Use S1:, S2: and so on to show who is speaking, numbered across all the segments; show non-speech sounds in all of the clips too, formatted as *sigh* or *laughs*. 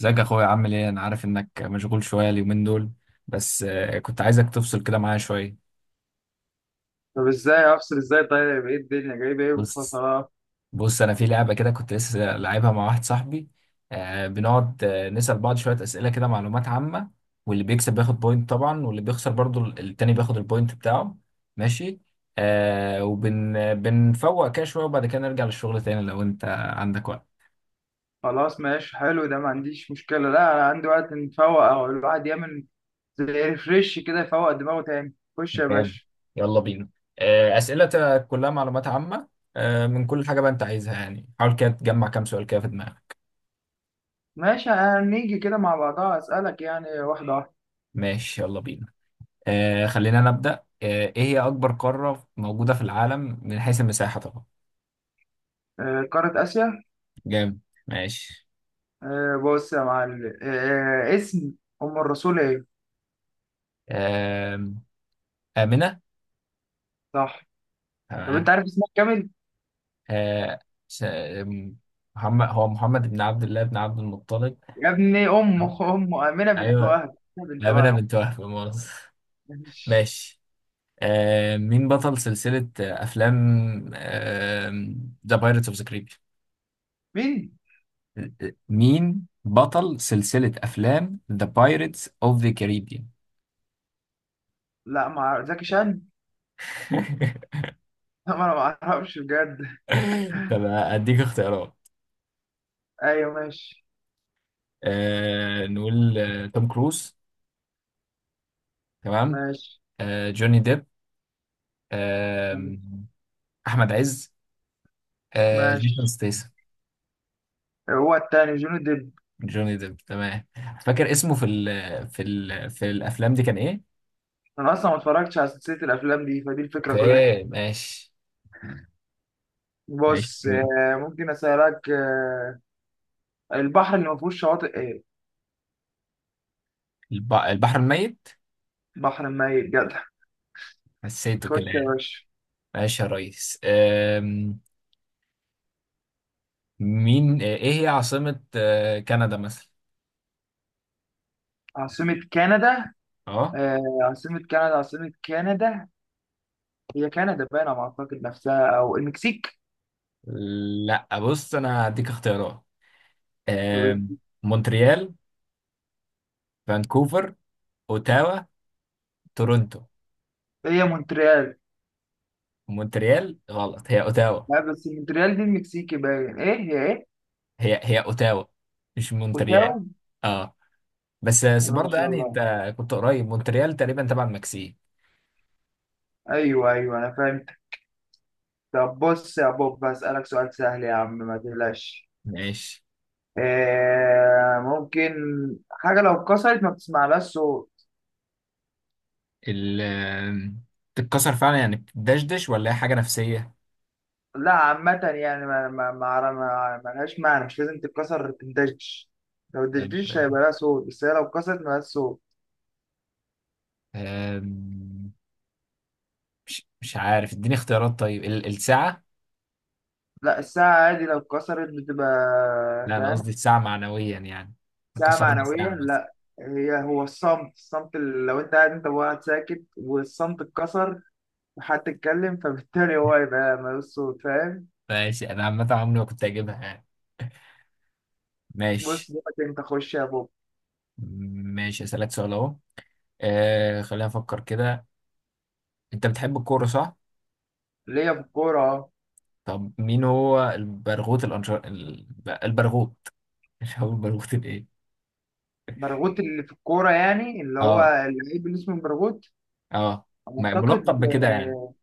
S1: ازيك يا اخويا؟ عامل ايه؟ انا عارف انك مشغول شويه اليومين دول، بس كنت عايزك تفصل كده معايا شويه.
S2: طب ازاي افصل ازاي؟ طيب ايه الدنيا جايب ايه
S1: بص
S2: بالفصلات؟
S1: بص انا في لعبه كده، كنت لسه لعبها مع واحد صاحبي. بنقعد نسال بعض شويه اسئله كده، معلومات عامه. واللي بيكسب بياخد بوينت، طبعا واللي بيخسر برضو التاني بياخد البوينت بتاعه. ماشي. بنفوق كده شويه، وبعد كده نرجع للشغل تاني لو انت عندك وقت.
S2: خلاص ماشي، حلو ده، ما عنديش مشكلة، لا انا عندي وقت نفوق، او الواحد يعمل زي ريفريش كده، يفوق دماغه تاني. خش يا
S1: تمام،
S2: باشا.
S1: يلا بينا. أسئلة كلها معلومات عامة، من كل حاجة بقى أنت عايزها، يعني حاول كده تجمع كام سؤال كده في دماغك.
S2: ماشي، هنيجي كده مع بعضها، اسألك يعني واحدة واحدة.
S1: ماشي، يلا بينا. خلينا نبدأ. إيه هي أكبر قارة موجودة في العالم من حيث المساحة طبعا؟
S2: قارة آسيا.
S1: جامد. ماشي.
S2: بص يا معلم، اسم أم الرسول ايه؟
S1: آم، آمنة.
S2: صح. طب انت
S1: تمام.
S2: عارف اسمها كامل؟
S1: آه، س- آم، محمد هو محمد بن عبد الله بن عبد المطلب.
S2: يا ابني أمه آمنة بنت
S1: أيوه،
S2: وهب، آمنة بنت
S1: آمنة
S2: وهب.
S1: بنت وهب، مؤاخذة.
S2: مش-
S1: ماشي. آه، مين بطل سلسلة أفلام ذا بايرتس أوف ذا كاريبيان؟
S2: مين؟
S1: مين بطل سلسلة أفلام ذا بايرتس أوف ذا كاريبيان؟
S2: لا، مع زكي شان.
S1: *laughs*
S2: *laughs* لا، ما انا ما اعرفش بجد.
S1: طب أديك اختيارات.
S2: ايوه ماشي.
S1: آه، نقول توم كروز. تمام.
S2: ماشي
S1: آه، جوني ديب. آه، أحمد عز. آه، جيسون
S2: ماشي.
S1: ستيسن.
S2: هو التاني جوني ديب.
S1: جوني ديب، تمام. فاكر اسمه في ال في ال في الأفلام دي كان إيه؟
S2: انا اصلا ما اتفرجتش على سلسله الافلام دي، فدي الفكره كلها.
S1: أوكي، ماشي.
S2: *laughs*
S1: ماشي.
S2: بص، ممكن اسالك البحر اللي ما فيهوش شواطئ ايه؟
S1: البحر الميت.
S2: بحر ميت جدع.
S1: حسيته
S2: خش
S1: كده
S2: يا
S1: يعني.
S2: باشا.
S1: ماشي يا ريس. مين؟ ايه هي عاصمة كندا مثلا؟
S2: عاصمه كندا؟
S1: اه.
S2: عاصمه كندا. هي كندا باينه على ما اعتقد نفسها او المكسيك.
S1: لا بص، انا هديك اختيارات. أم...
S2: طب
S1: مونتريال، فانكوفر، اوتاوا، تورونتو.
S2: هي مونتريال.
S1: مونتريال غلط، هي اوتاوا.
S2: لا بس مونتريال دي المكسيكي باين، ايه هي ايه.
S1: هي هي اوتاوا، مش
S2: اوتاو.
S1: مونتريال. اه. بس
S2: بسم
S1: بس
S2: الله ما
S1: برضه
S2: شاء
S1: يعني
S2: الله.
S1: انت كنت قريب، مونتريال تقريبا تبع المكسيك.
S2: ايوه ايوه انا فاهم. طب بص يا بوب، هسألك سؤال سهل يا عم، ما تقلقش.
S1: ماشي.
S2: ممكن حاجة لو اتكسرت ما بتسمعلهاش صوت؟
S1: ال تتكسر فعلا، يعني بتدشدش، ولا هي حاجة نفسية؟
S2: لا عامة يعني ما لهاش معنى، مش لازم تتكسر تندش. لو
S1: طيب،
S2: الدشديش هيبقى لها صوت، بس هي لو اتكسرت مالهاش صوت.
S1: أم، مش عارف، اديني اختيارات. طيب الساعة.
S2: لا، الساعة عادي لو اتكسرت بتبقى.
S1: لا انا قصدي
S2: فاهم.
S1: الساعة معنويا يعني. إحنا
S2: ساعة
S1: كسرنا
S2: معنوية
S1: ساعة مثلا.
S2: لا. هو الصمت اللي لو انت قاعد، انت وقاعد ساكت، والصمت اتكسر، وحد اتكلم، فبالتالي هو هيبقى مالوش صوت. فاهم.
S1: ماشي، انا عامة عمري ما كنت اجيبها يعني.
S2: بص
S1: ماشي.
S2: دلوقتي، انت خش يا بوب.
S1: ماشي، اسألك سؤال اهو. آه، خلينا افكر كده. انت بتحب الكورة صح؟
S2: ليا في الكورة اه.
S1: طب مين هو البرغوث؟ مش هو البرغوث الايه؟
S2: برغوت اللي في الكورة، يعني اللي هو
S1: اه.
S2: اللعيب اللي اسمه برغوت،
S1: اه.
S2: اعتقد.
S1: ملقب بكده يعني.
S2: آه،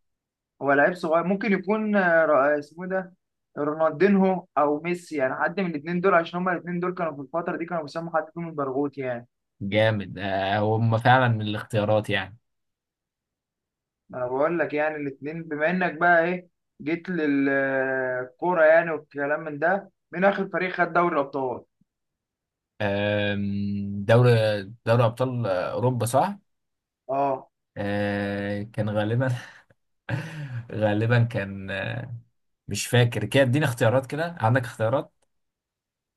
S2: هو لعيب صغير ممكن يكون اسمه إيه ده، رونالدينهو او ميسي، يعني حد من الاثنين دول، عشان هما الاثنين دول كانوا في الفترة دي كانوا بيسموا حد فيهم البرغوت يعني.
S1: جامد. آه، هم فعلا من الاختيارات يعني.
S2: انا بقول لك يعني الاثنين، بما انك بقى ايه، جيت للكورة يعني، والكلام من ده، من اخر فريق خد دوري الابطال
S1: آم، دوري دوري ابطال اوروبا صح؟
S2: اه.
S1: كان غالبا. *laughs* غالبا كان مش فاكر كده، اديني اختيارات كده، عندك اختيارات.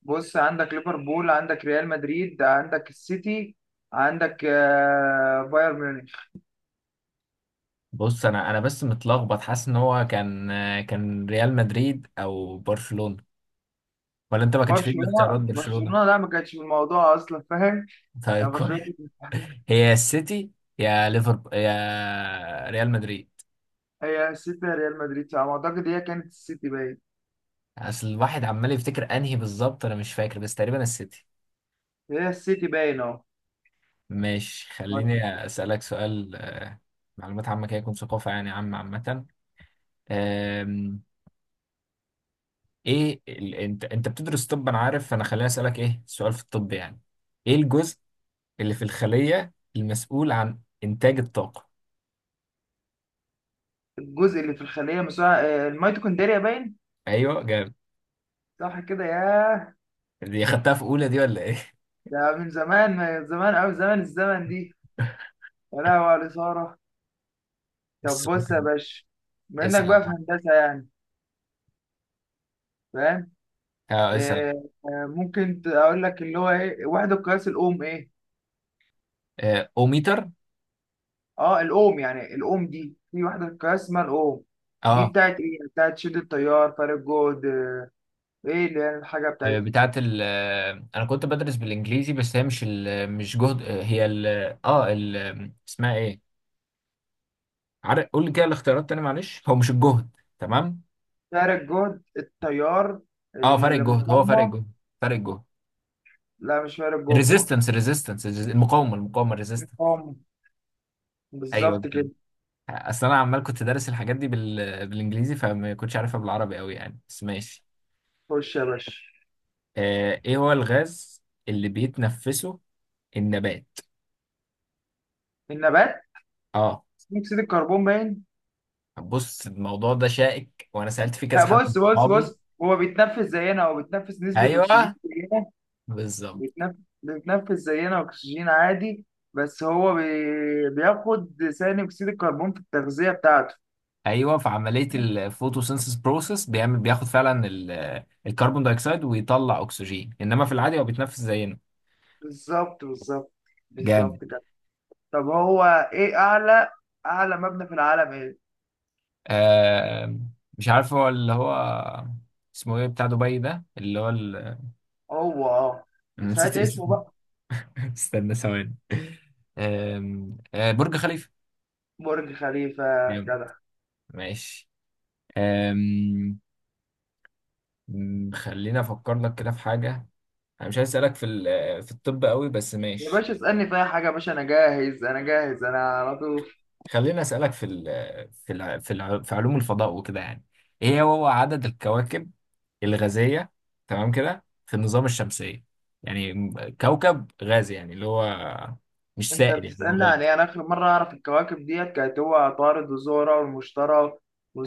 S2: بص عندك ليفربول، عندك ريال مدريد، عندك السيتي، عندك بايرن ميونخ.
S1: بص، انا بس متلخبط، حاسس ان هو كان كان ريال مدريد او برشلونة. ولا انت ما كانش فيه الاختيارات
S2: برشلونة
S1: برشلونة؟
S2: برشلونة لا، ما كانتش في الموضوع أصلا، فاهم.
S1: طيب
S2: يعني برشلونة
S1: كويس.
S2: كانت-
S1: هي يا السيتي يا ليفربول يا ريال مدريد.
S2: هي السيتي يا ريال مدريد، على ما أعتقد هي كانت السيتي باين.
S1: اصل الواحد عمال يفتكر انهي بالظبط، انا مش فاكر، بس تقريبا السيتي.
S2: هي السيتي باين أهو.
S1: ماشي، خليني أسألك سؤال معلومات عامة كده، يكون ثقافة يعني، عامة. آم، أنت بتدرس طب أنا عارف، فأنا خليني أسألك إيه سؤال في الطب يعني. إيه الجزء اللي في الخلية المسؤول عن إنتاج الطاقة؟
S2: الجزء اللي في الخلية مساعد، الميتوكوندريا باين.
S1: أيوه جامد.
S2: صح كده، ياه.
S1: دي خدتها في أولى دي ولا إيه؟
S2: ده من زمان، من زمان أوي، زمن الزمن دي.
S1: *laughs*
S2: يا لهوي على الإثارة. طب
S1: السؤال
S2: بص يا
S1: ده.
S2: باشا، بما إنك
S1: اسأل، أنا
S2: بقى في
S1: معاك.
S2: هندسة يعني، فاهم.
S1: أه اسأل.
S2: آه، اقول لك اللي هو ايه، وحده قياس الاوم ايه.
S1: أوميتر.
S2: اه الاوم، يعني الاوم دي في وحده قياس اسمها الاوم. دي
S1: أه.
S2: بتاعت ايه يعني، بتاعت شد التيار، فارق جهد، ايه اللي هي الحاجه بتاعتها.
S1: بتاعة ال أنا كنت بدرس بالإنجليزي، بس هي مش جهد، هي ال أه اسمها إيه؟ عارف قول لي كده الاختيارات تاني، معلش، هو مش الجهد. تمام.
S2: فارق جهد، التيار،
S1: اه، فرق الجهد، هو فرق
S2: المقاومه.
S1: الجهد، فرق الجهد.
S2: لا، مش فارق جهد.
S1: الريزيستنس، الريزيستنس، المقاومه، المقاومه، الريزيستنس.
S2: المقاومه،
S1: ايوه
S2: بالظبط
S1: كده.
S2: كده.
S1: اصل انا عمال كنت دارس الحاجات دي بالانجليزي، فما كنتش عارفها بالعربي قوي يعني، بس ماشي.
S2: خش يا باشا.
S1: آه، ايه هو الغاز اللي بيتنفسه النبات؟
S2: النبات؟
S1: اه.
S2: ثاني اكسيد الكربون باين.
S1: بص الموضوع ده شائك، وانا سألت فيه
S2: لا،
S1: كذا حد من
S2: بص بص
S1: صحابي.
S2: بص هو بيتنفس زينا، هو بيتنفس نسبه اكسجين
S1: ايوه،
S2: زينا.
S1: بالظبط.
S2: بيتنف... بيتنفس زينا أكسجين عادي، بس هو بياخد ثاني أكسيد الكربون في التغذية بتاعته.
S1: ايوه في عمليه الفوتوسينثيس بروسيس بيعمل، بياخد فعلا الكربون دايوكسيد ويطلع اكسجين، انما في العادي هو بيتنفس زينا.
S2: بالظبط بالظبط
S1: جامد.
S2: بالظبط كده. طب هو إيه أعلى مبنى في العالم إيه؟
S1: آه، مش عارف هو اللي هو اسمه ايه، بتاع دبي ده اللي هو *laughs*
S2: هو أه،
S1: أنا نسيت
S2: ساعات اسمه
S1: اسمه.
S2: بقى.
S1: *laughs* استنى ثواني. آه برج خليفه.
S2: برج خليفة
S1: جامد.
S2: جدع.
S1: ماشي. آم، م، خليني افكر لك كده في حاجه. انا مش عايز اسالك في في الطب قوي، بس
S2: يا
S1: ماشي.
S2: باشا اسألني في أي حاجة يا باشا، أنا جاهز أنا على طول.
S1: خليني أسألك في ال في ال في, ال في علوم الفضاء وكده يعني. ايه هو عدد الكواكب الغازية تمام كده في النظام الشمسية؟ يعني كوكب غازي يعني اللي هو مش
S2: انت
S1: سائل، يعني هو
S2: بتسألني
S1: غازي.
S2: عن ايه؟ انا اخر مرة اعرف الكواكب ديت كانت هو عطارد وزهرة والمشتري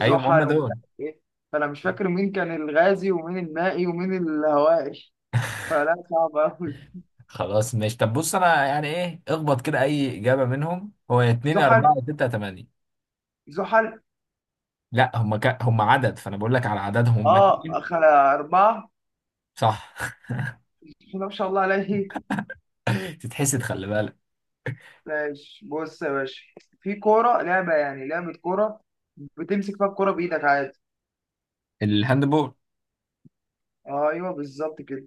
S1: ايوه ما هم
S2: ومش
S1: دول.
S2: عارف ايه، فانا مش فاكر مين كان الغازي ومين المائي ومين الهوائي، فلا صعب اوي.
S1: خلاص ماشي. طب بص، انا يعني ايه اخبط كده اي اجابة منهم. هو يا اتنين يا
S2: زحل
S1: اربعة يا ستة يا تمانية.
S2: زحل
S1: لا هم عدد، فانا بقول لك على عددهم، هم
S2: اه،
S1: اتنين.
S2: اخر اربعة.
S1: صح.
S2: بسم الله ما شاء الله عليه.
S1: *laughs* تتحسد، خلي بالك.
S2: ماشي بص يا باشا، في كورة لعبة، يعني لعبة كورة بتمسك فيها الكورة بإيدك عادي.
S1: الهاندبول.
S2: ايوه بالظبط كده.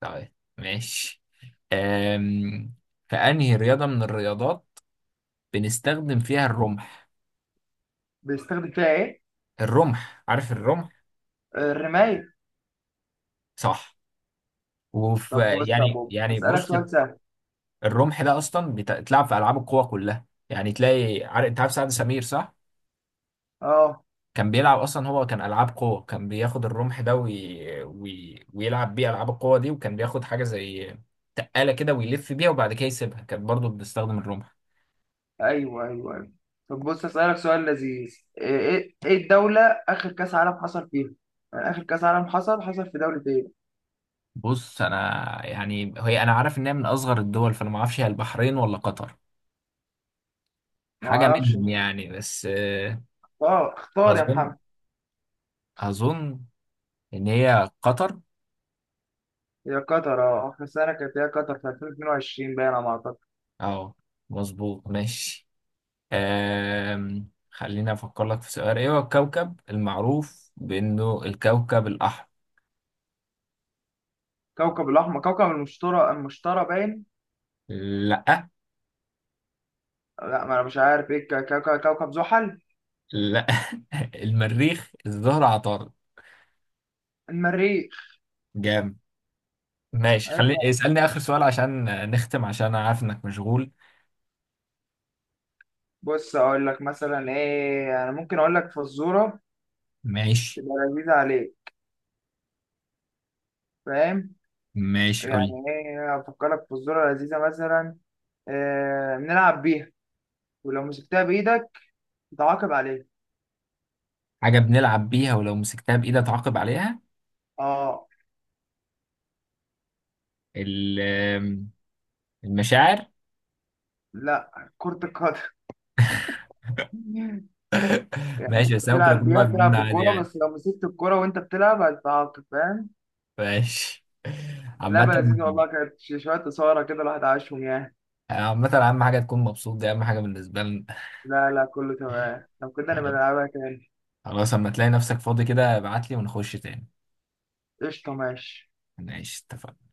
S1: طيب. ماشي. أم... في أنهي رياضة من الرياضات بنستخدم فيها الرمح؟
S2: بيستخدم فيها ايه؟
S1: الرمح، عارف الرمح.
S2: الرماية.
S1: صح. وفي،
S2: طب بص يا
S1: يعني
S2: بابا،
S1: يعني
S2: اسألك
S1: بص،
S2: سؤال سهل.
S1: الرمح ده أصلا بيتلعب في ألعاب القوى كلها يعني، تلاقي عارف، أنت عارف سعد سمير صح؟
S2: اه.
S1: كان بيلعب أصلا، هو كان ألعاب قوة، كان بياخد الرمح ده ويلعب بيه ألعاب القوة دي، وكان بياخد حاجة زي تقالة كده ويلف بيها وبعد كده يسيبها، كانت برضه بتستخدم الرمح.
S2: ايوه ايوه ايوه. طب بص اسالك سؤال لذيذ، ايه ايه إيه الدوله اخر كاس عالم حصل فيها، يعني اخر كاس عالم حصل في دوله ايه.
S1: بص انا، يعني هي انا عارف ان هي من اصغر الدول، فانا ما اعرفش هي البحرين ولا قطر،
S2: ما
S1: حاجه
S2: اعرفش.
S1: منهم يعني، بس
S2: اه، اختار يا
S1: اظن
S2: محمد.
S1: اظن ان هي قطر.
S2: هي قطر، اه اخر سنه كانت هي قطر في 2022 باين على ما اعتقد.
S1: اه مظبوط، ماشي. خليني افكر لك في سؤال. ايه هو الكوكب المعروف بانه الكوكب الاحمر؟
S2: كوكب الاحمر، كوكب المشتري، المشتري باين.
S1: لا.
S2: لا، ما انا مش عارف ايه، كوكب زحل.
S1: لا. *laughs* المريخ، الزهر، عطارد.
S2: المريخ.
S1: جامد. ماشي،
S2: عيب
S1: خليني
S2: بقى.
S1: اسالني اخر سؤال عشان نختم، عشان انا عارف انك مشغول.
S2: بص اقول لك مثلا ايه، انا ممكن اقول لك فزوره
S1: ماشي.
S2: تبقى لذيذه عليك، فاهم.
S1: ماشي، قول
S2: يعني
S1: لي.
S2: ايه افكرك في الذرة لذيذة مثلا، آه نلعب بيها، ولو مسكتها بايدك تعاقب عليها.
S1: حاجة بنلعب بيها، ولو مسكتها بإيدي أتعاقب عليها.
S2: اه.
S1: ال- المشاعر.
S2: لا، كرة القدم. *laughs*
S1: *laughs*
S2: يعني انت
S1: ماشي، بس أنا ممكن
S2: بتلعب
S1: أكون
S2: بيها،
S1: واقف بدون
S2: بتلعب
S1: عادي
S2: بالكورة،
S1: يعني.
S2: بس لو مسكت الكورة وانت بتلعب هتتعاقب، فاهم.
S1: ماشي. عامة،
S2: لعبة لذيذة والله، كانت شوية إثارة كده، الواحد عاشهم يعني.
S1: أهم حاجة تكون مبسوط، دي أهم حاجة بالنسبة لنا.
S2: لا لا، كله تمام، لو كده نبقى نلعبها تاني.
S1: خلاص، أما تلاقي نفسك فاضي كده ابعت لي ونخش تاني.
S2: قشطة ماشي.
S1: ماشي، اتفقنا.